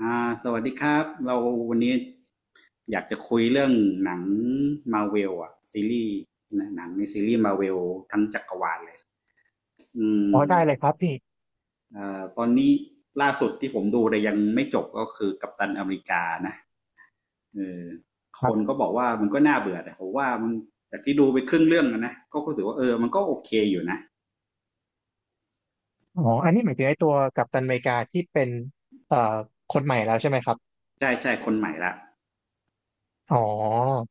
สวัสดีครับเราวันนี้อยากจะคุยเรื่องหนังมาเวลอะซีรีส์นะหนังในซีรีส์มาเวลทั้งจักรวาลเลยอือ๋อมได้เลยครับพี่ตอนนี้ล่าสุดที่ผมดูแต่ยังไม่จบก็คือกัปตันอเมริกานะเออคครันก็บบอกว่ามันก็น่าเบื่อแต่ผมว่ามันจากที่ดูไปครึ่งเรื่องแล้วนะก็รู้สึกว่ามันก็โอเคอยู่นะอ๋ออันนี้หมายถึงไอ้ตัวกัปตันอเมริกาที่เป็นเอ่อคนใหม่แล้วใช่ไหมครับใช่ใช่คนใหม่ละอ๋อ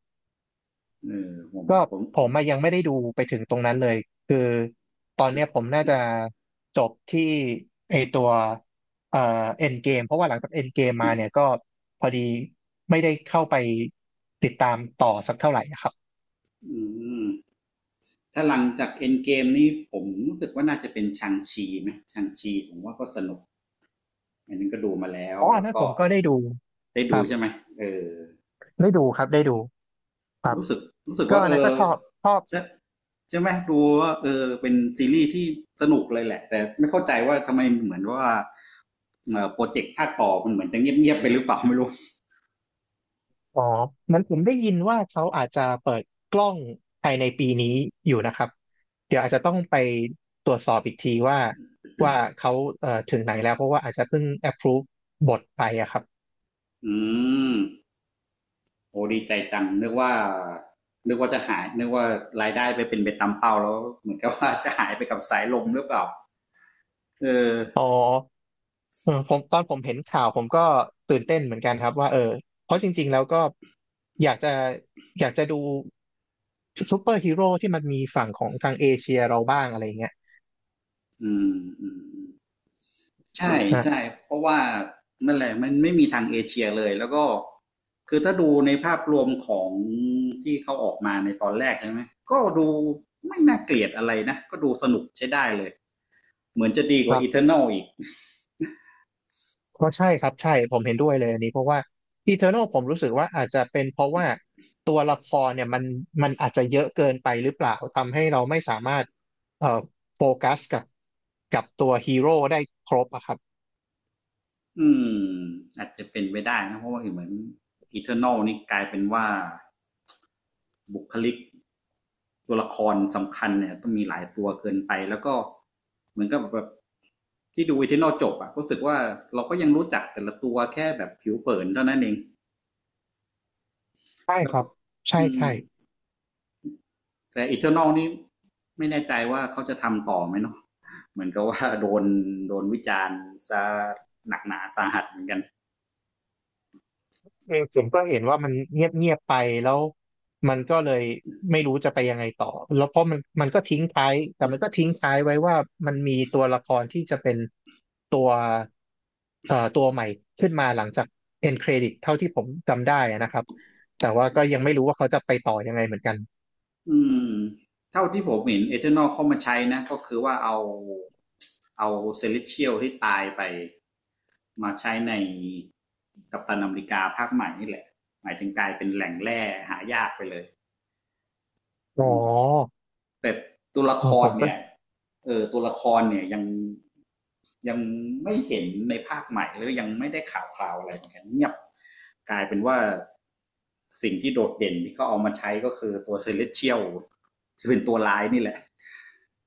ผมก็ผมผมอะยังไม่ได้ดูไปถึงตรงนั้นเลยคือตอนเนี้ยผมน่าจะจบที่ไอตัวเอ่อเอ็นเกมเพราะว่าหลังจากเอ็นเกมมาเนี่ยก็พอดีไม่ได้เข้าไปติดตามต่อสักเท่าไหร่นะครับอืม ถ้าหลังจากเอ็นเกมนี่ผมรู้สึกว่าน่าจะเป็นชังชีไหมชังชีผมว่าก็สนุกอันนึงก็ดูมาแล้วอ๋ออัแล้นวนั้นผก็มก็ได้ดูได้คดูรับใช่ไหมเออได้ดูครับได้ดูครับรู้สึกรู้สึกก็ว่าอันนั้นก็ชอบชอบ ใช่ใช่ไหมดูว่าเป็นซีรีส์ที่สนุกเลยแหละแต่ไม่เข้าใจว่าทำไมเหมือนว่าโปรเจกต์ภาคต่อมันเหมือนจะเงียบๆไปหรือเปล่าไม่รู้อ๋อเหมือนผมได้ยินว่าเขาอาจจะเปิดกล้องภายในปีนี้อยู่นะครับเดี๋ยวอาจจะต้องไปตรวจสอบอีกทีว่าเขาถึงไหนแล้วเพราะว่าอาจจะเพิ่ง approve บทไปอะครับอืมโอ้ดีใจจังนึกว่าจะหายนึกว่ารายได้ไปเป็นไปตามเป้าแล้วเหมือนกับว่าจะหายไปกับสายลมหรือเปล่าเออ อ๋อเออผมตอนผมเห็นข่าวผมก็ตื่นเต้นเหมือนกันครับว่าเออเพราะจริงๆแล้วก็อยากจะอยากจะดูซูเปอร์ฮีโร่ที่มันมีฝั่งของทางเอเชียเราบ้างอะไรเงี้ยอืมอืมอืมใช่นะใช่เพราะว่านั่นแหละมันไม่มีทางเอเชียเลยแล้วก็คือถ้าดูในภาพรวมของที่เขาออกมาในตอนแรกใช่ไหมก็ดูไม่น่าเกลียดอะไรนะก็ดูสนุกใช้ได้เลยเหมือนจะดีกคว่า รับ Eternal อีกก็ใช่ครับใช่ผมเห็นด้วยเลยอันนี้เพราะว่า Eternal ผมรู้สึกว่าอาจจะเป็นเพราะว่าตัวละครเนี่ยมันอาจจะเยอะเกินไปหรือเปล่าทำให้เราไม่สามารถเอ่อโฟกัสกับตัวฮีโร่ได้ครบอะครับอืมอาจจะเป็นไปได้นะเพราะว่าเหมือน Eternal นี่กลายเป็นว่าบุคลิก ตัวละครสำคัญเนี่ยต้องมีหลายตัวเกินไปแล้วก็เหมือนกับแบบที่ดูวิทนอลจบอะรู้สึกว่าเราก็ยังรู้จักแต่ละตัวแค่แบบผิวเผินเท่านั้นเองใช่แล้ควรัก็บใช่อืใช่ มแต่อีเทอร์นอลนี่ไม่แน่ใจว่าเขาจะทำต่อไหมเนาะเหมือนกับว่าโดนวิจารณ์ซะหนักหนาสาหัสเหมือนกัน เออผมก็เห็นว่ามันเงียบเงียบไปแล้วมันก็เลยไม่รู้จะไปยังไงต่อแล้วเพราะมันก็ทิ้งท้ายแต่มันก็ทิ้งท้ายไว้ว่ามันมีตัวละครที่จะเป็นตัวเอ่อตัวใหม่ขึ้นมาหลังจาก end credit เท่าที่ผมจำได้อะนะครับแต่ว่าก็ยังไม่รู้ว่าเขาจะไปต่อยังไงเหมือนกันอืมเท่าที่ผมเห็นเอเทอร์นอเข้ามาใช้นะก็คือว่าเอาเซเลเชี a ลที่ตายไปมาใช้ในกัปตันอเมริกาภาคใหม่นี่แหละหมายถึงกลายเป็นแหล่งแร่หายากไปเลยอ๋อแต่ตัวละเออคผรมก็เนี่ยเออตัวละครเนี่ยยังไม่เห็นในภาคใหม่หรือยังไม่ได้ข่าวคราวอะไรเหมือนกันเงียบกลายเป็นว่าสิ่งที่โดดเด่นที่เขาเอามาใช้ก็คือตัวเซเลสเชียลที่เป็นตัวร้ายนี่แหละ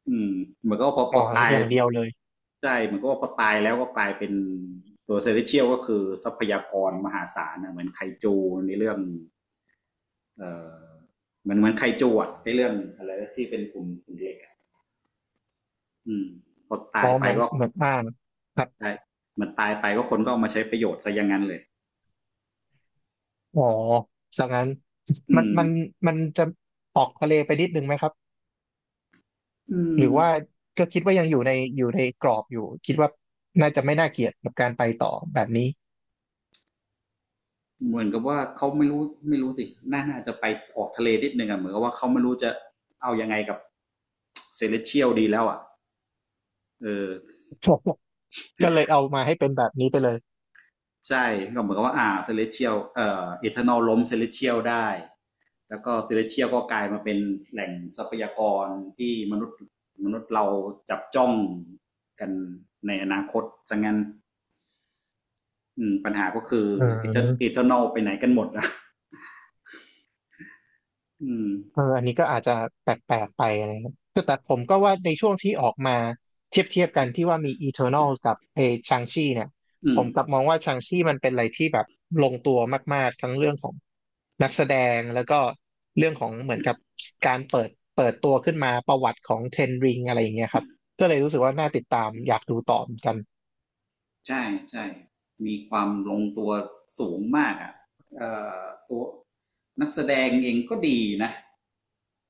อืมเหมือนก็พอพอ๋ออตายอย่างเดียวเลยใช่เหมือนก็พอตายแล้วก็กลายเป็นตัวเซเลสเชียลก็คือทรัพยากรมหาศาลนะเหมือนไคจูในเรื่องเอ่อเหมือนไคจูอะในเรื่องอะไรที่เป็นกลุ่มคุเล็กอะอืมพอตาอ๋อยไปเหมือนก็เหมือนอ่านครับได้เหมันตายไปก็คนก็เอามาใช้ประโยชน์ซะอย่างนั้นเลยอ๋อสังนั้นอืมันมมันมันจะออกทะเลไปนิดนึงไหมครับ อืหรืมอว่าก็คิดว่ายังอยู่ในกรอบอยู่คิดว่าน่าจะไม่น่าเกลียดกับการไปต่อแบบนี้ เหมือนกับว่าเขาไม่รู้ไม่รู้สิน่าจะไปออกทะเลนิดนึงอะเหมือนกับว่าเขาไม่รู้จะเอายังไงกับเซเลสเชียลดีแล้วอะเออ ก็เลยเอามาให้เป็นแบบนี้ไปเลยใช่ก็เหมือนกับว่าเซเลเชียลเอทานอลล้มเซเลเชียลได้แล้วก็เซเลเชียลก็กลายมาเป็นแหล่งทรัพยากรที่มนุษย์เราจับจ้องกันในอนาคตสังงั้นปัญหาก็คืออืเอม ทานอลไปไหนกันหมดนะอืมเอออันนี้ก็อาจจะแปลกๆไปอะไรเงี้ยคือแต่ผมก็ว่าในช่วงที่ออกมาเทียบเทียบกันที่ว่ามี Eternal กับชางชีเนี่ยอืผม มกลับมองว่าชางชีมันเป็นอะไรที่แบบลงตัวมากๆ ทั้งเรื่องของนักแสดงแล้วก็เรื่องของเหมือนกับการเปิดตัวขึ้นมาประวัติของเทนริงอะไรอย่างเงี้ยครับ ก็เลยรู้สึกว่าน่าติดตามอยากดูต่อเหมือนกันใช่ใช่ มีความลงตัวสูงมากอ่ะเอ่อตัวนักแสดงเองก็ดีนะ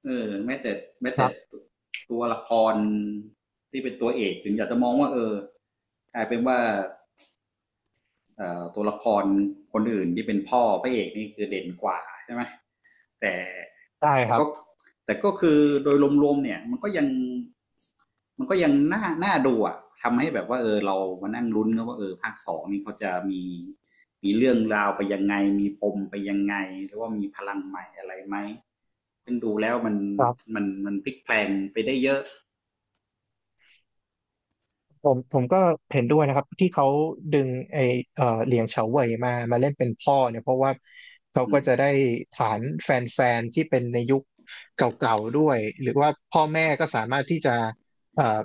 เออแม้แต่แม้คแต่รับตัวละครที่เป็นตัวเอกถึงอยากจะมองว่ากลายเป็นว่าตัวละครคนอื่นที่เป็นพ่อพระเอกนี่คือเด่นกว่าใช่ไหมแต่ ได้แต่ครัก็บ แต่ก็คือโดยรวมๆเนี่ยมันก็ยังน่าดูอะทำให้แบบว่าเรามานั่งลุ้นกันว่าภาคสองนี่เขาจะมีเรื่องราวไปยังไงมีปมไปยังไงหรือว่ามีพลังใหม่อะไรไหมซึ่งดูแล้วมันพลิกแพลงไปได้เยอะผมก็เห็นด้วยนะครับที่เขาดึงไอเอ่อเหลียงเฉาเว่ยมาเล่นเป็นพ่อเนี่ยเพราะว่าเขาอืก็มจะได้ฐานแฟนๆที่เป็นในยุคเก่าๆด้วยหรือว่าพ่อแม่ก็สามารถที่จะเอ่อ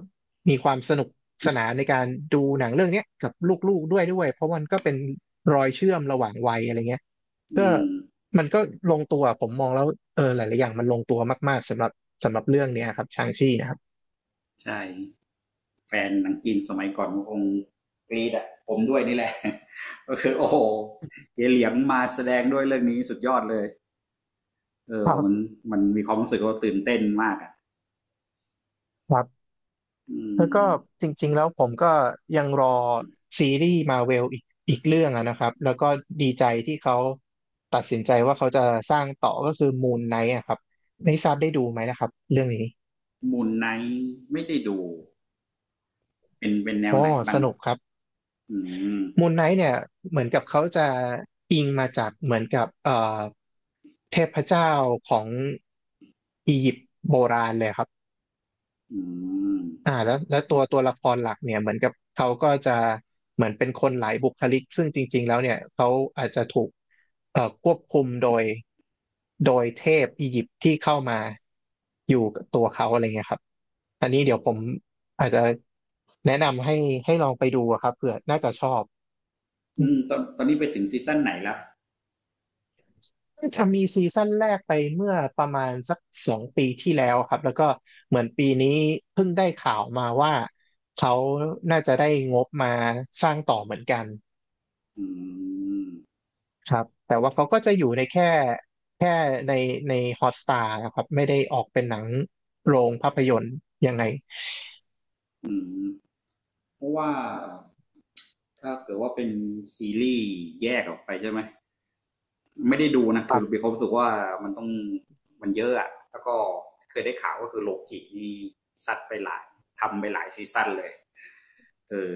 มีความสนุกสนานในการดูหนังเรื่องเนี้ยกับลูกๆด้วยเพราะมันก็เป็นรอยเชื่อมระหว่างวัยอะไรเงี้ยอืก็มมันก็ลงตัวผมมองแล้วเออหลายๆอย่างมันลงตัวมากๆสำหรับเรื่องเนี้ยครับชางชี่นะครับใช่แฟนหนังจีนสมัยก่อนคงกรีดอะผมด้วยนี่แหละ ก็คือโอ้โหเยเหลียงมาแสดงด้วยเรื่องนี้สุดยอดเลย เอคอรัมันบมันมีความรู้สึกว่าตื่นเต้นมากอ่ะครับ อืแล้วก็มจริงๆแล้วผมก็ยังรอซีรีส์มาเวลอีกเรื่องอะนะครับแล้วก็ดีใจที่เขาตัดสินใจว่าเขาจะสร้างต่อก็คือมูนไนท์อะครับไม่ทราบได้ดูไหมนะครับเรื่องนี้มูนไนท์ไม่ได้ดู เป็นแนวโอ้ไหนบ้าสงนุกครับอืมมูนไนท์เนี่ยเหมือนกับเขาจะอิงมาจากเหมือนกับเทพเจ้าของอียิปต์โบราณเลยครับ อืมแล้วตัวละครหลักเนี่ยเหมือนกับเขาก็จะเหมือนเป็นคนหลายบุคลิกซึ่งจริงๆแล้วเนี่ยเขาอาจจะถูกควบคุมโดยเทพอียิปต์ที่เข้ามาอยู่กับตัวเขาอะไรเงี้ยครับอันนี้อืเดี๋ยวมผมอาจจะแนะนำให้ลองไปดูอะครับเผื่อน่าจะชอบ อืมตอนนี้ไปถึงซีซั่นไหนแล้วจะมีซีซั่นแรกไปเมื่อประมาณสัก2 ปีที่แล้วครับแล้วก็เหมือนปีนี้เพิ่งได้ข่าวมาว่าเขาน่าจะได้งบมาสร้างต่อเหมือนกันอืมครับแต่ว่าเขาก็จะอยู่ในแค่ในในฮอตสตาร์นะครับไม่ได้ออกเป็นหนังโรงภาพยนตร์ยังไงอืมเพราะว่าถ้าเกิดว่าเป็นซีรีส์แยกออกไปใช่ไหม ไม่ได้ดูนะ คคืรัอมีบความรู้สึกว่ามันต้องมันเยอะอะแล้วก็เคยได้ข่าวก็คือโลกินี่ซัดไปหลาย ทำไปหลายซีซั่นเลยเออ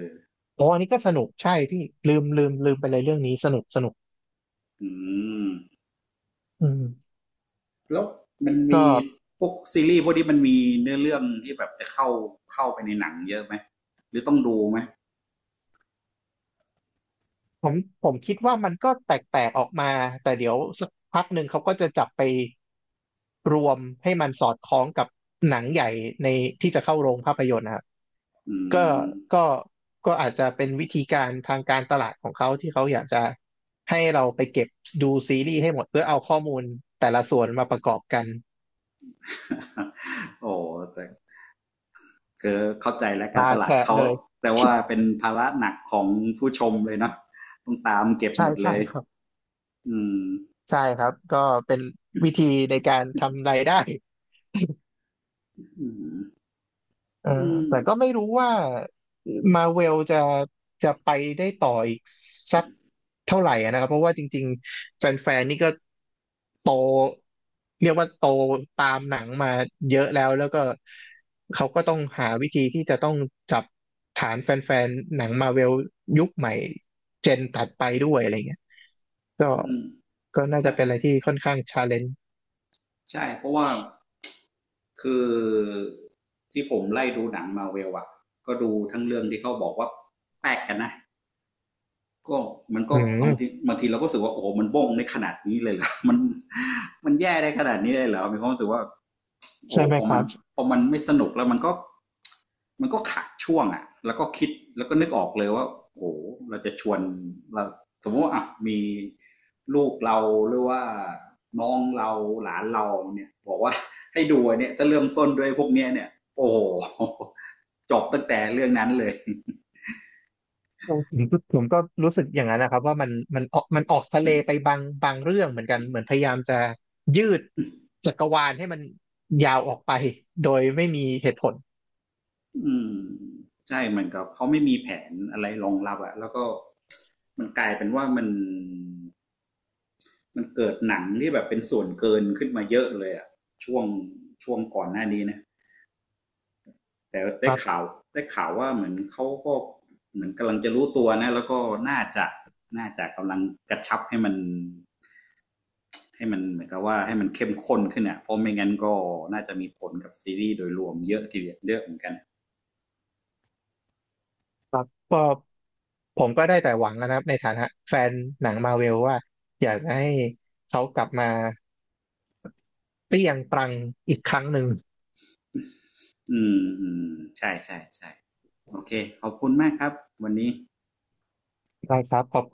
โอ้อันนี้ก็สนุกใช่พี่ลืมไปเลยเรื่องนี้สนุกสนุกอืม อืมแล้วมันก็ มีพวกซีรีส์พวกนี้มันมีเนื้อเรื่องที่แบบจะเข้าไปในหนังเยอะไหมหรือต้องดูไหมผมผมคิดว่ามันก็แตกออกมาแต่เดี๋ยวสักพักหนึ่งเขาก็จะจับไปรวมให้มันสอดคล้องกับหนังใหญ่ในที่จะเข้าโรงภาพยนตร์นะครับอืก็มก็ก็อาจจะเป็นวิธีการทางการตลาดของเขาที่เขาอยากจะให้เราไปเก็บดูซีรีส์ให้หมดเพื่อเอาข้อมูลแต่ละส่วนมาประกอบกันโอ้แต่ก็เข้าใจแล้วการมาตลาดแชะเขาเลย แต่ว่า เป็นภาระหนักของผู้ชมเลยเนาะต้องตามเก็บใช่หมดเลใช่ยครับอืมใช่ครับก็เป็นวิธีในการทำรายได้ อืมเอออืมแต่ก็ไม่รู้ว่ามาเวลจะไปได้ต่ออีกสักเท่าไหร่อะนะครับเพราะว่าจริงๆแฟนๆนี่ก็โตเรียกว่าโตตามหนังมาเยอะแล้วแล้วก็เขาก็ต้องหาวิธีที่จะต้องจับฐานแฟนๆหนังมาเวลยุคใหม่เจนถัดไปด้วยอะไรเงี้ยก็อืมก็น่าใช่จะเป็นอะไรที่ค่อนข้างชาเลนจ์ใช่เพราะว่าคือที่ผมไล่ดูหนังมาเวลอะก็ดูทั้งเรื่องที่เขาบอกว่าแปลกกันนะ ก็มันอืก็บางทีมบางทีเราก็รู้สึกว่าโอ้โหมันบ้งในขนาดนี้เลยเหรอ มันแย่ได้ขนาดนี้เลยเหรอมีความรู้สึกว่าโอ้ใช่ไหมพอคมัรันบ พอมันไม่สนุกแล้วมันก็ขาดช่วงอ่ะแล้วก็คิดแล้วก็นึกออกเลยว่าโอ้เราจะชวนเราสมมติว่าอ่ะมีลูกเราหรือว่าน้องเราหลานเราเนี่ยบอกว่า ให้ดูเนี่ยจะเริ่มต้นด้วยพวกเนี้ยเนี่ยโอ้โห จบตั้งแต่เรื่องนั้นเลย ผมก็รู้สึกอย่างนั้นนะครับว่ามันออกทะเลไปบางเรื่องเหมือนกันเหมือนพยายามจะยืดจักรวาลให้มันยาวออกไปโดยไม่มีเหตุผลอืมใช่เหมือนกับเขาไม่มีแผนอะไรรองรับอะแล้วก็มันกลายเป็นว่ามันเกิดหนังที่แบบเป็นส่วนเกินขึ้นมาเยอะเลยอะช่วงช่วงก่อนหน้านี้นะแต่คได้รัข่าบวได้ข่าวว่าเหมือนเขาก็เหมือนกำลังจะรู้ตัวนะแล้วก็น่าจะน่าจะกำลังกระชับให้มันเหมือนกับว่าให้มันเข้มข้นขึ้นอะเพราะไม่งั้นก็น่าจะมีผลกับซีรีส์โดยรวมเยอะทีเดียวเยอะเหมือนกันครับก็ผมก็ได้แต่หวังนะครับในฐานะแฟนหนังมาเวลว่าอยากจะให้เขากลับมาเปรี้ยงปรังอีกครั้งหนึ่งอืมอืมใช่ใช่ใช่ โอเค ขอบคุณมากครับ วันนี้ได้ครับ